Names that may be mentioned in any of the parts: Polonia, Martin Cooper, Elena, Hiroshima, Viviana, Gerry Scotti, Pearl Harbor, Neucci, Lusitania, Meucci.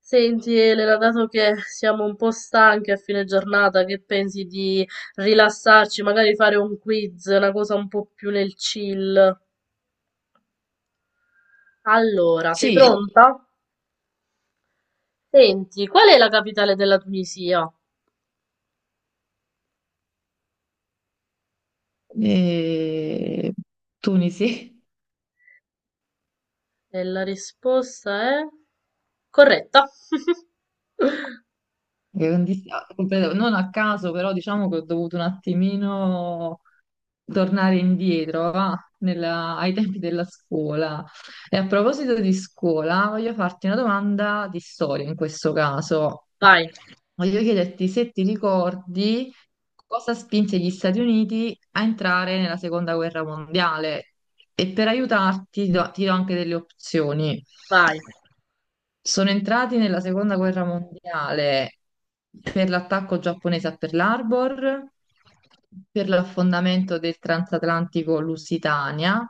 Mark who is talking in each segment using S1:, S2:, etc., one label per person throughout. S1: Senti Elena, dato che siamo un po' stanchi a fine giornata, che pensi di rilassarci, magari fare un quiz, una cosa un po' più nel chill? Allora, sei
S2: Sì,
S1: pronta? Senti, qual è la capitale della Tunisia?
S2: eh, Tunisi.
S1: E la risposta è corretta.
S2: che non dis- ah, completo- Non a caso, però diciamo che ho dovuto un attimino tornare indietro, va, ai tempi della scuola. E a proposito di scuola, voglio farti una domanda di storia in questo caso.
S1: Vai,
S2: Voglio chiederti se ti ricordi cosa spinse gli Stati Uniti a entrare nella Seconda Guerra Mondiale e per aiutarti ti do anche delle opzioni.
S1: vai.
S2: Sono entrati nella seconda guerra mondiale per l'attacco giapponese a Pearl Harbor, per l'affondamento del transatlantico Lusitania,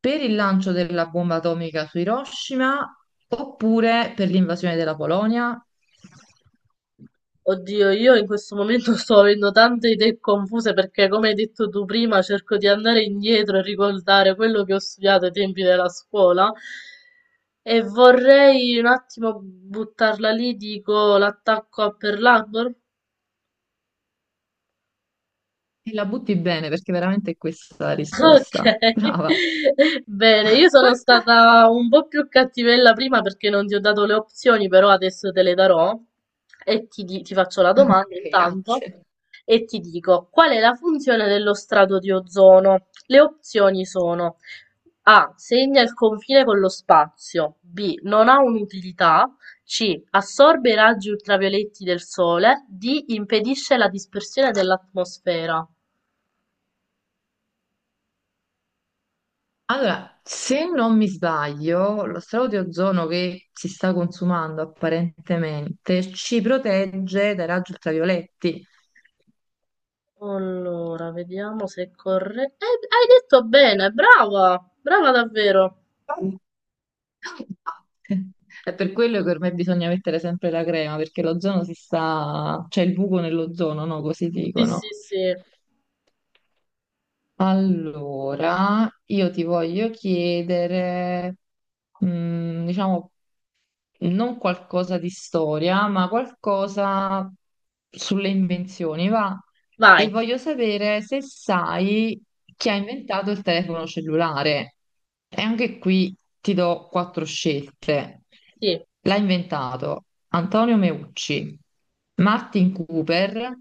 S2: per il lancio della bomba atomica su Hiroshima oppure per l'invasione della Polonia.
S1: Oddio, io in questo momento sto avendo tante idee confuse perché, come hai detto tu prima, cerco di andare indietro e ricordare quello che ho studiato ai tempi della scuola e vorrei un attimo buttarla lì, dico l'attacco a Pearl Harbor.
S2: E la butti bene perché veramente è questa la risposta.
S1: Okay,
S2: Brava.
S1: bene, io sono stata un po' più cattivella prima perché non ti ho dato le opzioni, però adesso te le darò e ti, ti faccio la domanda intanto
S2: Grazie.
S1: e ti dico qual è la funzione dello strato di ozono? Le opzioni sono A. Segna il confine con lo spazio, B. Non ha un'utilità, C. Assorbe i raggi ultravioletti del sole, D. Impedisce la dispersione dell'atmosfera.
S2: Allora, se non mi sbaglio, lo strato di ozono che si sta consumando apparentemente ci protegge dai raggi ultravioletti.
S1: Allora, vediamo se è corretto. Hai detto bene, brava! Brava davvero.
S2: È per quello che ormai bisogna mettere sempre la crema, perché l'ozono si sta c'è il buco nell'ozono, no? Così
S1: Sì, sì,
S2: dicono.
S1: sì.
S2: Allora, io ti voglio chiedere, diciamo, non qualcosa di storia, ma qualcosa sulle invenzioni, va. E
S1: Vai.
S2: voglio sapere se sai chi ha inventato il telefono cellulare. E anche qui ti do quattro scelte.
S1: Sì.
S2: L'ha inventato Antonio Meucci, Martin Cooper,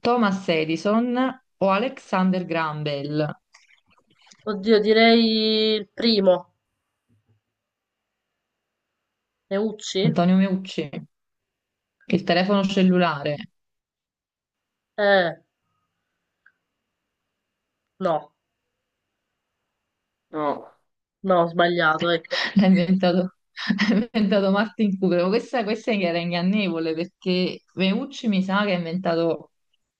S2: Thomas Edison o Alexander Graham Bell.
S1: Oddio, direi il primo. Neucci?
S2: Antonio Meucci, il telefono cellulare.
S1: Eh, no.
S2: No.
S1: No, ho sbagliato, ecco.
S2: L'ha inventato, l'ha inventato Martin Cooper. Ma questa era ingannevole perché Meucci mi sa che ha inventato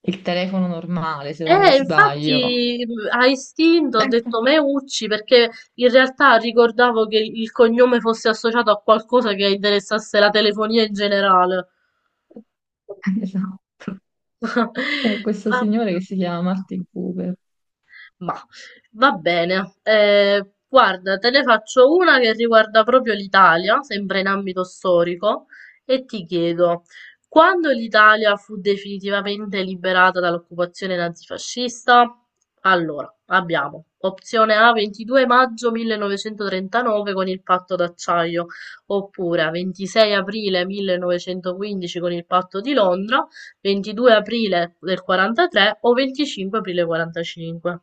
S2: il telefono normale, se non mi sbaglio.
S1: Infatti a istinto ho detto Meucci perché in realtà ricordavo che il cognome fosse associato a qualcosa che interessasse la telefonia in generale.
S2: Esatto. È questo
S1: Vabbè.
S2: signore che si chiama Martin Cooper.
S1: Mah, va bene. Guarda, te ne faccio una che riguarda proprio l'Italia, sempre in ambito storico, e ti chiedo, quando l'Italia fu definitivamente liberata dall'occupazione nazifascista? Allora, abbiamo opzione A 22 maggio 1939 con il patto d'acciaio, oppure 26 aprile 1915 con il patto di Londra, 22 aprile del 43 o 25 aprile 45.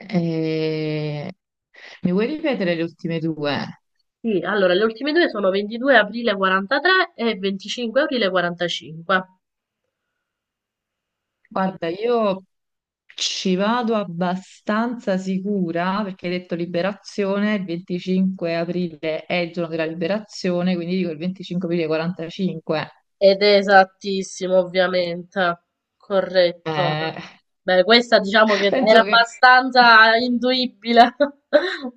S2: E- Mi vuoi ripetere le ultime due?
S1: Sì, allora le ultime due sono 22 aprile 43 e 25 aprile 45.
S2: Guarda, io ci vado abbastanza sicura perché hai detto liberazione, il 25 aprile è il giorno della liberazione, quindi dico il 25 aprile 45.
S1: Ed è esattissimo, ovviamente. Corretto.
S2: Eh,
S1: Beh, questa diciamo che era
S2: penso che
S1: abbastanza induibile.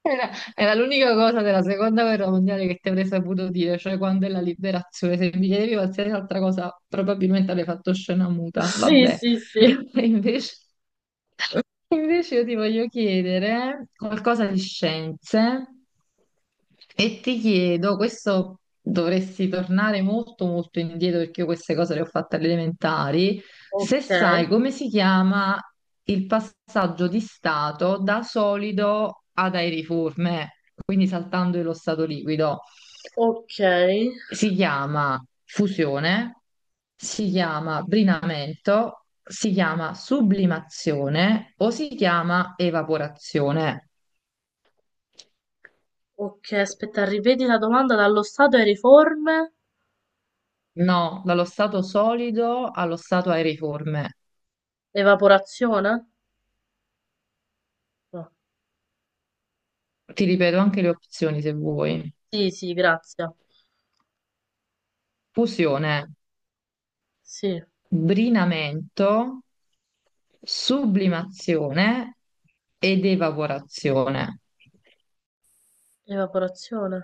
S2: Era, era l'unica cosa della seconda guerra mondiale che ti avrei saputo dire, cioè quando è la liberazione. Se mi chiedevi qualsiasi altra cosa, probabilmente avrei fatto scena muta.
S1: Sì,
S2: Vabbè.
S1: sì, sì.
S2: E invece, invece io ti voglio chiedere qualcosa di scienze e ti chiedo, questo dovresti tornare molto molto indietro perché io queste cose le ho fatte alle elementari. Se
S1: Ok,
S2: sai come si chiama il passaggio di stato da solido ad aeriforme, quindi saltando lo stato liquido,
S1: ok,
S2: si chiama fusione, si chiama brinamento, si chiama sublimazione o si chiama evaporazione.
S1: ok. Aspetta, ripeti la domanda dallo stato e riforme.
S2: No, dallo stato solido allo stato aeriforme.
S1: Evaporazione? No.
S2: Ti ripeto anche le opzioni se vuoi.
S1: Sì, sì, grazie.
S2: Fusione,
S1: Sì,
S2: brinamento, sublimazione ed evaporazione.
S1: evaporazione.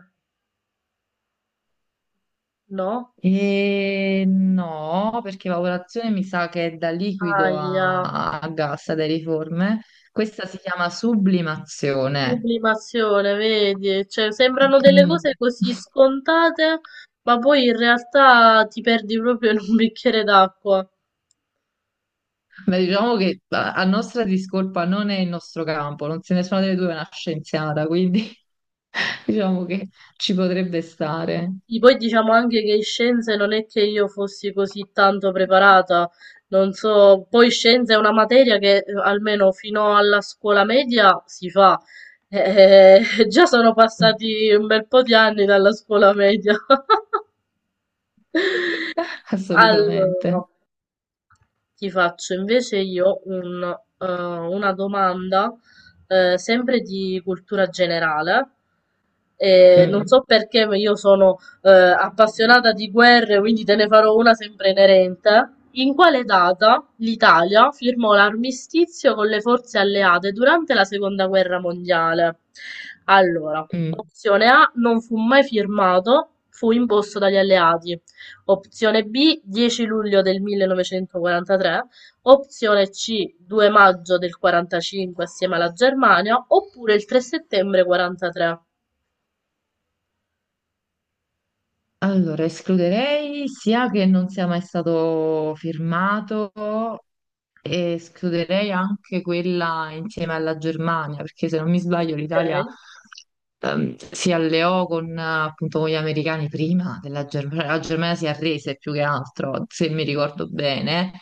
S1: No?
S2: E no, perché evaporazione mi sa che è da liquido
S1: Aia.
S2: a, a gas, ad aeriforme. Questa si chiama sublimazione.
S1: Sublimazione, vedi? Cioè, sembrano delle cose
S2: Mm.
S1: così scontate, ma poi in realtà ti perdi proprio in un bicchiere d'acqua.
S2: Beh, diciamo che a nostra discolpa non è il nostro campo, non se nessuna delle due è una scienziata, quindi diciamo che ci potrebbe stare.
S1: E poi diciamo anche che in scienze non è che io fossi così tanto preparata, non so, poi scienze è una materia che almeno fino alla scuola media si fa. Eh, già sono
S2: Mm.
S1: passati un bel po' di anni dalla scuola media.
S2: Assolutamente.
S1: Allora. Ti faccio invece io una domanda, sempre di cultura generale. E non
S2: Mm,
S1: so perché, ma io sono appassionata di guerre, quindi te ne farò una sempre inerente. In quale data l'Italia firmò l'armistizio con le forze alleate durante la seconda guerra mondiale? Allora,
S2: mm.
S1: opzione A non fu mai firmato, fu imposto dagli alleati. Opzione B dieci luglio del 1943, opzione C due maggio del 45 assieme alla Germania, oppure il 3 settembre 43.
S2: Allora, escluderei sia che non sia mai stato firmato e escluderei anche quella insieme alla Germania, perché se non mi sbaglio l'Italia
S1: Ok.
S2: si alleò con, appunto, con gli americani prima della Germania, la Germania si arrese più che altro, se mi ricordo bene.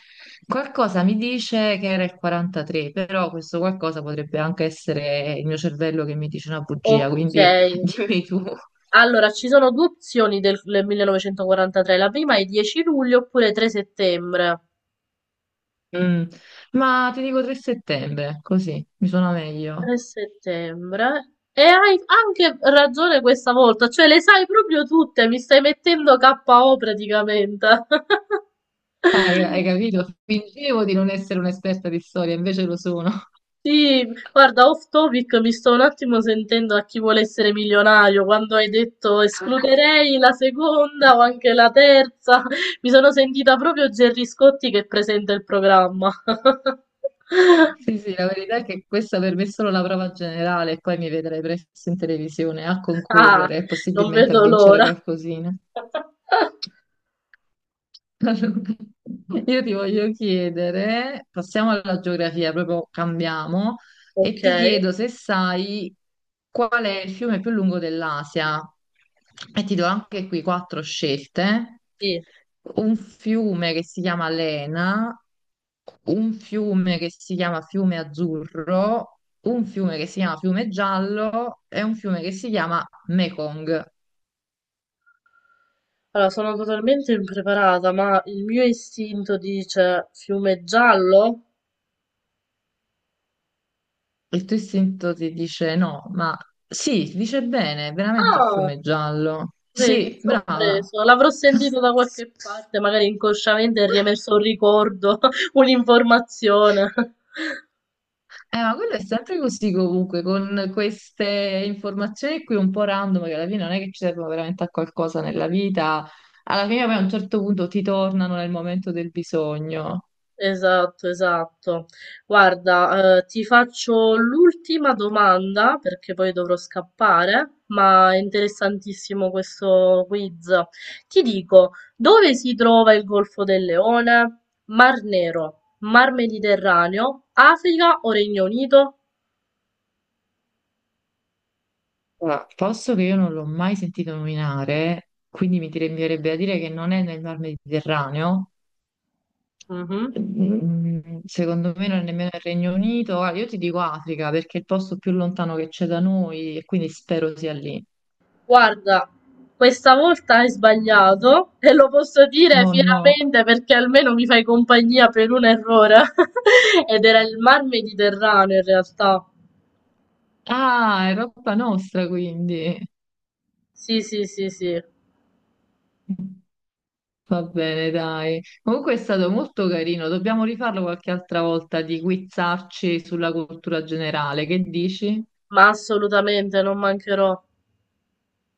S2: Qualcosa mi dice che era il 43, però questo qualcosa potrebbe anche essere il mio cervello che mi dice una bugia,
S1: Ok.
S2: quindi dimmi tu.
S1: Allora, ci sono due opzioni del 1943. La prima è 10 luglio oppure 3 settembre.
S2: Mm. Ma ti dico 3 settembre, così mi suona meglio.
S1: 3 settembre. E hai anche ragione questa volta, cioè le sai proprio tutte, mi stai mettendo KO praticamente.
S2: Hai capito? Fingevo di non essere un'esperta di storia, invece lo sono.
S1: Sì, guarda, off topic, mi sto un attimo sentendo a chi vuole essere milionario, quando hai detto escluderei la seconda o anche la terza, mi sono sentita proprio Gerry Scotti che presenta il programma.
S2: Sì, sì, la verità è che questa per me è solo la prova generale, e poi mi vedrai presto in televisione a
S1: Ah,
S2: concorrere e
S1: non
S2: possibilmente a
S1: vedo
S2: vincere
S1: l'ora.
S2: qualcosina. Allora, io ti voglio chiedere, passiamo alla geografia, proprio cambiamo, e
S1: Ok,
S2: ti chiedo se sai qual è il fiume più lungo dell'Asia. E ti do anche qui quattro scelte.
S1: sì.
S2: Un fiume che si chiama Lena, un fiume che si chiama Fiume Azzurro, un fiume che si chiama Fiume Giallo e un fiume che si chiama Mekong.
S1: Allora, sono totalmente impreparata, ma il mio istinto dice fiume giallo?
S2: Il tuo istinto ti dice no, ma sì, dice bene, veramente il
S1: Ah!
S2: fiume è giallo.
S1: Vedi,
S2: Sì, brava.
S1: sorpreso. L'avrò sentito da qualche parte, magari inconsciamente è riemerso un ricordo, un'informazione.
S2: Ma quello è sempre così comunque, con queste informazioni qui un po' random, che alla fine non è che ci servono veramente a qualcosa nella vita, alla fine poi a un certo punto ti tornano nel momento del bisogno.
S1: Esatto, esatto. Guarda, ti faccio l'ultima domanda perché poi dovrò scappare, ma è interessantissimo questo quiz. Ti dico, dove si trova il Golfo del Leone? Mar Nero, Mar Mediterraneo, Africa o Regno Unito?
S2: Allora, posto che io non l'ho mai sentito nominare, quindi mi direbbe a dire che non è nel Mar Mediterraneo.
S1: Mhm.
S2: Secondo me non è nemmeno il Regno Unito. Guarda, io ti dico Africa perché è il posto più lontano che c'è da noi e quindi spero sia lì.
S1: Guarda, questa volta hai sbagliato e lo posso dire
S2: Oh no.
S1: fieramente perché almeno mi fai compagnia per un errore. Ed era il Mar Mediterraneo in realtà.
S2: Ah, è roba nostra quindi.
S1: Sì, sì, sì, sì,
S2: Va bene, dai. Comunque è stato molto carino. Dobbiamo rifarlo qualche altra volta di quizzarci sulla cultura generale. Che dici?
S1: ma assolutamente non mancherò.